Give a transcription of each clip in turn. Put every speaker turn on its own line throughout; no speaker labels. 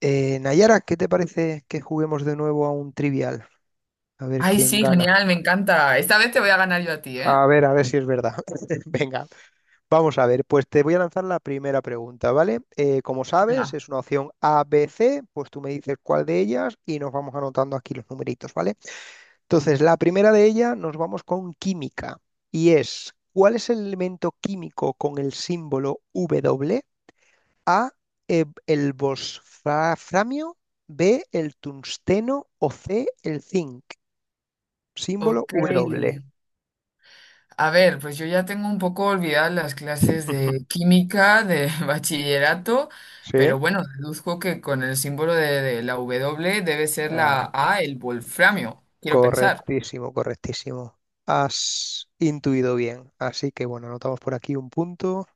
Nayara, ¿qué te parece que juguemos de nuevo a un trivial? A ver
Ay,
quién
sí,
gana.
genial, me encanta. Esta vez te voy a ganar yo a ti, ¿eh?
A ver si es verdad. Venga, vamos a ver. Pues te voy a lanzar la primera pregunta, ¿vale? Como sabes,
Venga.
es una opción A, B, C. Pues tú me dices cuál de ellas y nos vamos anotando aquí los numeritos, ¿vale? Entonces, la primera de ellas nos vamos con química y es, ¿cuál es el elemento químico con el símbolo W? A, el wolframio, B, el tungsteno o C, el zinc. Símbolo
Ok.
W.
A ver, pues yo ya tengo un poco olvidadas las clases de química, de bachillerato,
Sí.
pero bueno, deduzco que con el símbolo de la W debe ser la
Ah,
A, el wolframio, quiero pensar.
correctísimo, correctísimo. Has intuido bien. Así que bueno, anotamos por aquí un punto.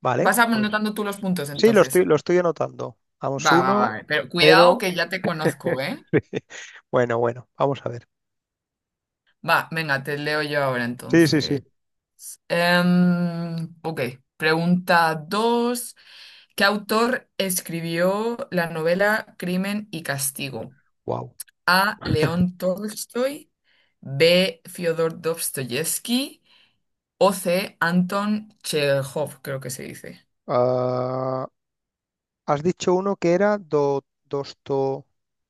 Vale,
Vas
pues
anotando tú los puntos
sí, lo estoy,
entonces.
lo estoy anotando. Vamos
Va, va,
uno,
va, pero cuidado
pero
que ya te conozco, ¿eh?
Bueno, bueno, vamos a ver.
Va, venga, te leo yo ahora
Sí, sí, sí.
entonces. Ok, pregunta 2. ¿Qué autor escribió la novela Crimen y Castigo?
Wow.
A, León Tolstoy; B, Fyodor Dostoyevsky; o C, Anton Chekhov, creo que se dice.
Has dicho uno que era dosto.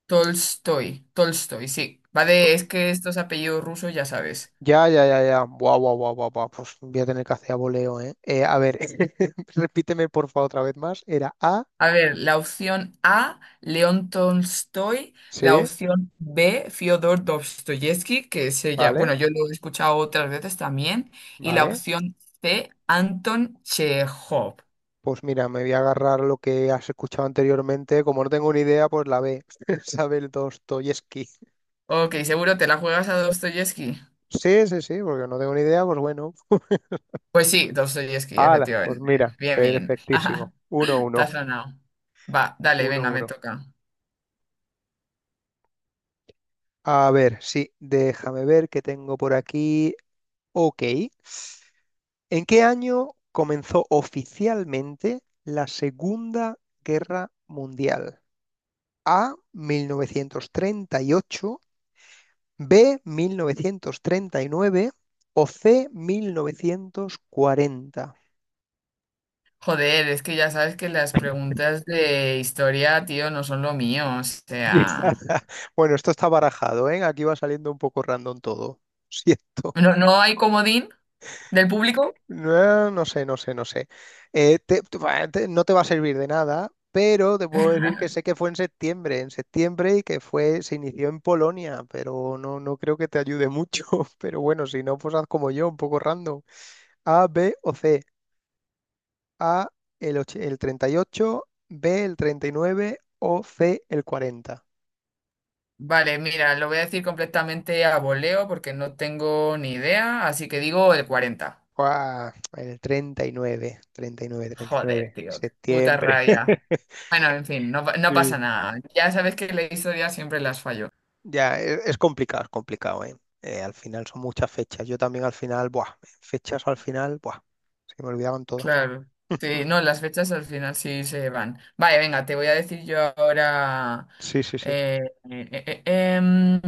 Tolstoy, Tolstoy, sí. Es que estos apellidos rusos ya sabes.
Ya, ya, ya, ya. Guau, guau, guau, guau, guau. Pues voy a tener que hacer a voleo, ¿eh? A ver, repíteme por favor otra vez más. Era A.
A ver, la opción A, León Tolstoy; la
Sí,
opción B, Fyodor Dostoyevsky, que es ella, bueno,
vale,
yo lo he escuchado otras veces también; y la
vale.
opción C, Anton Chekhov.
Pues mira, me voy a agarrar lo que has escuchado anteriormente. Como no tengo ni idea, pues la B. Isabel Dostoyevsky.
Ok, seguro te la juegas a Dostoyevsky.
Sí, sí, sí, porque no tengo ni idea, pues bueno.
Pues sí, Dostoyevsky,
Hala, pues
efectivamente.
mira,
Bien, bien.
perfectísimo. Uno,
Te
uno,
has ganado. Va, dale,
uno,
venga, me
uno.
toca.
A ver, sí, déjame ver qué tengo por aquí. Ok. ¿En qué año comenzó oficialmente la Segunda Guerra Mundial? ¿1938, B, 1939 o C, 1940?
Joder, es que ya sabes que las preguntas de historia, tío, no son lo mío. O sea,
Bueno, esto está barajado, ¿eh? Aquí va saliendo un poco random todo. Siento.
no hay comodín del público?
No, no sé, no sé, no sé. No te va a servir de nada, pero te puedo decir que sé que fue en septiembre y que se inició en Polonia, pero no, no creo que te ayude mucho. Pero bueno, si no, pues haz como yo, un poco random. A, B o C. A, el 38, B, el 39 o C, el 40.
Vale, mira, lo voy a decir completamente a voleo porque no tengo ni idea, así que digo el 40.
Guau, el treinta y nueve
Joder, tío, qué puta
septiembre.
rabia. Bueno, en fin, no, no pasa
Sí.
nada. Ya sabes que la historia siempre las fallo.
Ya, es complicado, es complicado, ¿eh? Al final son muchas fechas. Yo también al final, buah, fechas al final, buah, se me olvidaban todas.
Claro. Sí, no, las fechas al final sí se van. Vale, venga, te voy a decir yo ahora
Sí, sí, sí.
eh, eh, eh, eh, em,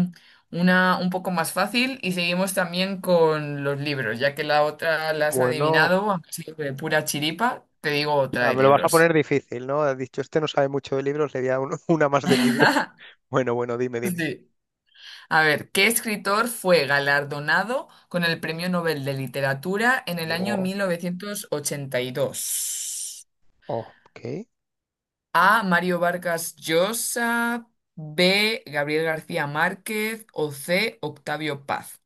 una un poco más fácil y seguimos también con los libros, ya que la otra la has
Bueno,
adivinado, aunque sea de pura chiripa, te digo otra de
me lo vas a
libros.
poner difícil, ¿no? Has dicho, este no sabe mucho de libros, le voy a dar una más de libros. Bueno, bueno, dime, dime.
Sí. A ver, ¿qué escritor fue galardonado con el Premio Nobel de Literatura en el año
Buah,
1982?
ok.
A, Mario Vargas Llosa; B, Gabriel García Márquez; o C, Octavio Paz.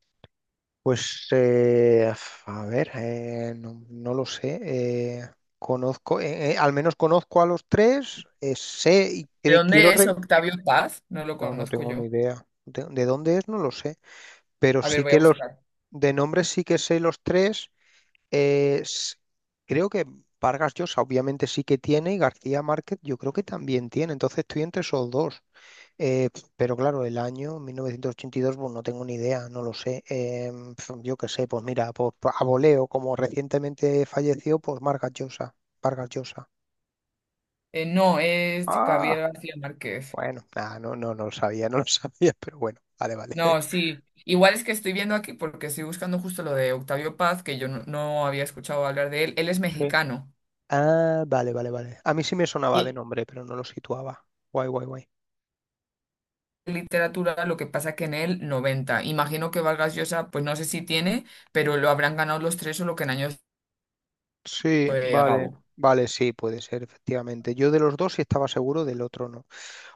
Pues, a ver, no, no lo sé. Conozco, al menos conozco a los tres, sé y
¿De dónde es Octavio Paz? No lo
no, no
conozco
tengo ni
yo.
idea. ¿De dónde es? No lo sé. Pero
A ver,
sí
voy a
que los
buscar.
de nombres sí que sé los tres. eh, s- Creo que Vargas Llosa obviamente sí que tiene y García Márquez yo creo que también tiene. Entonces estoy entre esos dos. Eh, pero claro, el año 1982, pues no tengo ni idea, no lo sé. Yo qué sé, pues mira, pues a voleo, como recientemente falleció, pues Vargas Llosa, Vargas Llosa.
No, es Gabriel
Ah,
García Márquez.
bueno, nada, no, no, no lo sabía, no lo sabía, pero bueno, vale, vale.
No, sí. Igual es que estoy viendo aquí, porque estoy buscando justo lo de Octavio Paz, que yo no había escuchado hablar de él. Él es mexicano.
Ah, vale, vale, vale. A mí sí me sonaba de
Y
nombre, pero no lo situaba. Guay, guay, guay.
literatura, lo que pasa que en él 90 imagino que Vargas Llosa, pues no sé si tiene, pero lo habrán ganado los tres o lo que en años
Sí,
fue
vale.
Gabo.
Vale, sí, puede ser, efectivamente. Yo de los dos sí estaba seguro, del otro no.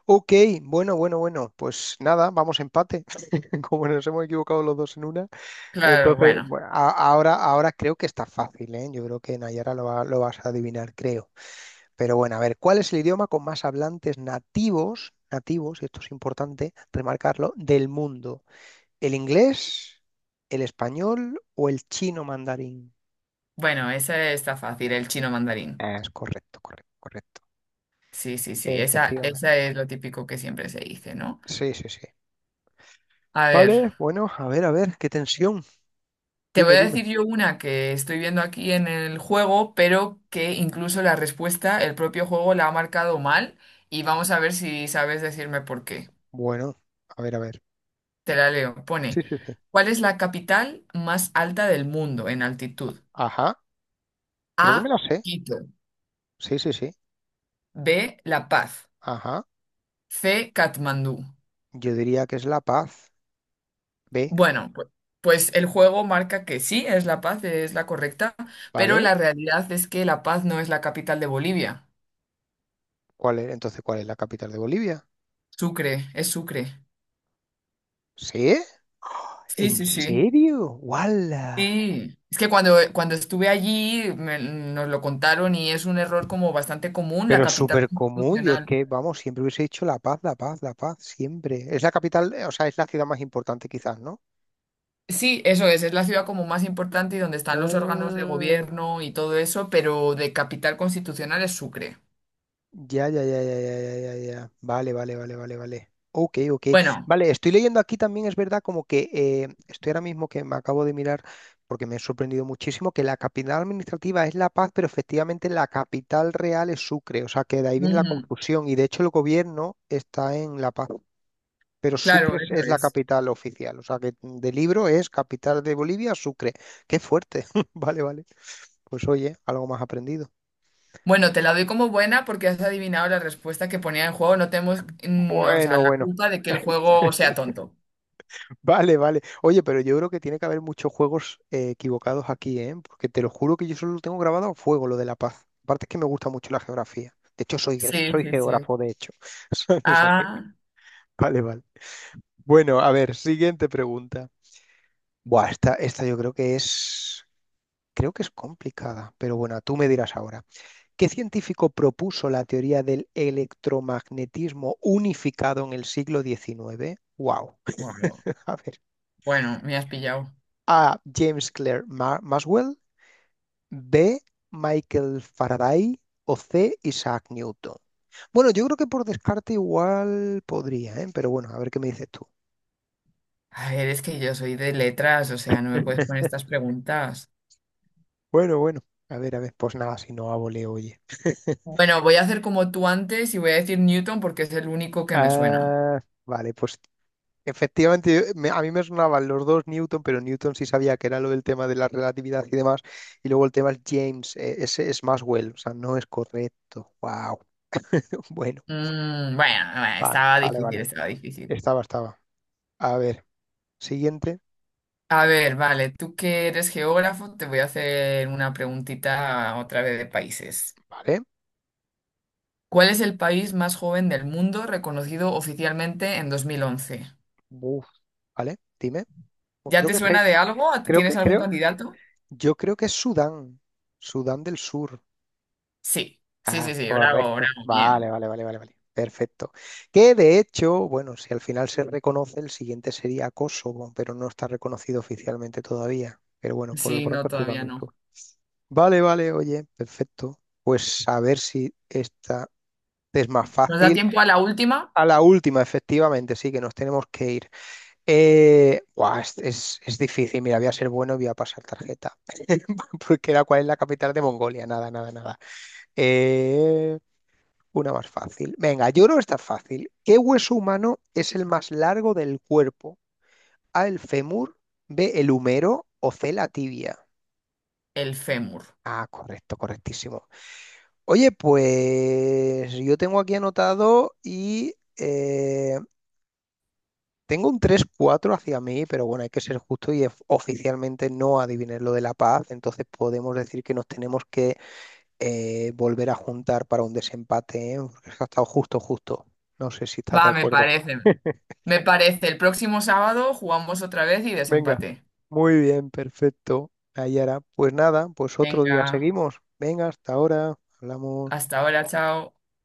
Ok, bueno, bueno, bueno. Pues nada, vamos empate. Como nos hemos equivocado los dos en una.
Claro,
Entonces,
bueno.
bueno, ahora creo que está fácil, ¿eh? Yo creo que Nayara lo vas a adivinar, creo. Pero bueno, a ver, ¿cuál es el idioma con más hablantes nativos, nativos, y esto es importante remarcarlo, del mundo? ¿El inglés, el español o el chino mandarín?
Bueno, esa está fácil, el chino mandarín.
Es correcto, correcto, correcto.
Sí, sí, sí. Esa,
Efectivamente.
esa es lo típico que siempre se dice, ¿no?
Sí, sí, sí.
A ver.
Vale, bueno, a ver, qué tensión.
Te voy
Dime,
a decir
dime.
yo una que estoy viendo aquí en el juego, pero que incluso la respuesta, el propio juego la ha marcado mal, y vamos a ver si sabes decirme por qué.
Bueno, a ver, a ver.
Te la leo. Pone,
Sí, sí, sí.
¿cuál es la capital más alta del mundo en altitud?
Ajá,
A,
creo que me la sé.
Quito.
Sí, sí, sí.
B, La Paz.
Ajá.
C, Katmandú.
Yo diría que es La Paz. B,
Bueno, pues el juego marca que sí, es La Paz, es la correcta, pero
¿vale?
la realidad es que La Paz no es la capital de Bolivia.
¿Cuál es, entonces, cuál es la capital de Bolivia?
Sucre, es Sucre.
¿Sí?
Sí,
¿En
sí, sí.
serio? ¡Guau!
Sí, es que cuando estuve allí nos lo contaron y es un error como bastante común, la
Pero
capital
súper común, yo es
constitucional.
que, vamos, siempre hubiese dicho La Paz, La Paz, La Paz, siempre. Es la capital, o sea, es la ciudad más importante quizás, ¿no?
Sí, eso es la ciudad como más importante y donde están los órganos de
Ah,
gobierno y todo eso, pero de capital constitucional es Sucre.
ya, ya, ya, ya, ya, ya, ya, ya. Vale, vale, vale, vale, vale. Ok, ok.
Bueno,
Vale, estoy leyendo aquí también, es verdad, como que estoy ahora mismo que me acabo de mirar, porque me he sorprendido muchísimo, que la capital administrativa es La Paz, pero efectivamente la capital real es Sucre, o sea que de ahí viene la
ujú,
confusión y de hecho el gobierno está en La Paz. Pero
claro,
Sucre
eso
es la
es.
capital oficial. O sea que de libro es capital de Bolivia, Sucre. Qué fuerte. Vale, vale. Pues oye, algo más aprendido.
Bueno, te la doy como buena porque has adivinado la respuesta que ponía en juego. No tenemos, o sea,
Bueno,
la
bueno.
culpa de que el juego sea tonto.
Vale, vale. Oye, pero yo creo que tiene que haber muchos juegos equivocados aquí, ¿eh? Porque te lo juro que yo solo lo tengo grabado a fuego, lo de La Paz. Aparte es que me gusta mucho la geografía. De hecho,
Sí,
soy
sí, sí.
geógrafo, de hecho. O sea que...
Ah,
Vale, vale. Bueno, a ver, siguiente pregunta. Buah, esta yo creo que es... Creo que es complicada, pero bueno, tú me dirás ahora. ¿Qué científico propuso la teoría del electromagnetismo unificado en el siglo XIX? Wow.
bueno,
A ver.
bueno, me has pillado.
A. James Clerk Maxwell. B. Michael Faraday. O C. Isaac Newton. Bueno, yo creo que por descarte igual podría, ¿eh? Pero bueno, a ver qué me dices tú.
A ver, es que yo soy de letras, o sea, no me puedes poner estas preguntas.
Bueno, bueno. A ver, a ver. Pues nada, si no hago, le oye.
Bueno, voy a hacer como tú antes y voy a decir Newton porque es el único que me suena.
Ah, vale, pues efectivamente, a mí me sonaban los dos Newton, pero Newton sí sabía que era lo del tema de la relatividad y demás. Y luego el tema es James, ese es Maxwell, o sea, no es correcto. Wow. Bueno,
Mm, bueno, bueno,
vale,
estaba
vale,
difícil,
vale.
estaba difícil.
Estaba. A ver, siguiente,
A ver, vale, tú que eres geógrafo, te voy a hacer una preguntita otra vez de países.
¿vale?
¿Cuál es el país más joven del mundo reconocido oficialmente en 2011?
Uf, ¿vale? Dime. Pues
¿Ya
creo
te
que
suena
sé,
de algo?
creo
¿Tienes
que,
algún
creo,
candidato?
Yo creo que es Sudán del Sur.
Sí, sí, sí,
Ah,
sí, bravo,
correcto.
bravo, bien.
Vale, vale, vale, vale, vale. Perfecto. Que de hecho, bueno, si al final se reconoce, el siguiente sería Kosovo, pero no está reconocido oficialmente todavía. Pero bueno, por lo
Sí, no,
pronto es Sudán
todavía
del
no.
Sur. Vale, vale, oye, perfecto. Pues a ver si esta es más
¿Nos da
fácil.
tiempo a la última?
A la última, efectivamente, sí, que nos tenemos que ir. Buah, es difícil. Mira, voy a ser bueno y voy a pasar tarjeta. Porque era cuál es la capital de Mongolia. Nada, nada, nada. Eh, una más fácil. Venga, yo creo que está fácil. ¿Qué hueso humano es el más largo del cuerpo? A, el fémur, B, el húmero o C, la tibia.
El fémur.
Ah, correcto, correctísimo. Oye, pues yo tengo aquí anotado y tengo un 3-4 hacia mí, pero bueno, hay que ser justo y oficialmente no adiviné lo de La Paz, entonces podemos decir que nos tenemos que volver a juntar para un desempate, ¿eh? Porque es que ha estado justo, justo. No sé si estás de
Va, me
acuerdo.
parece. Me parece. El próximo sábado jugamos otra vez y
Venga,
desempate.
muy bien, perfecto, Nayara. Pues nada, pues otro día
Venga,
seguimos. Venga, hasta ahora, hablamos.
hasta ahora, chao.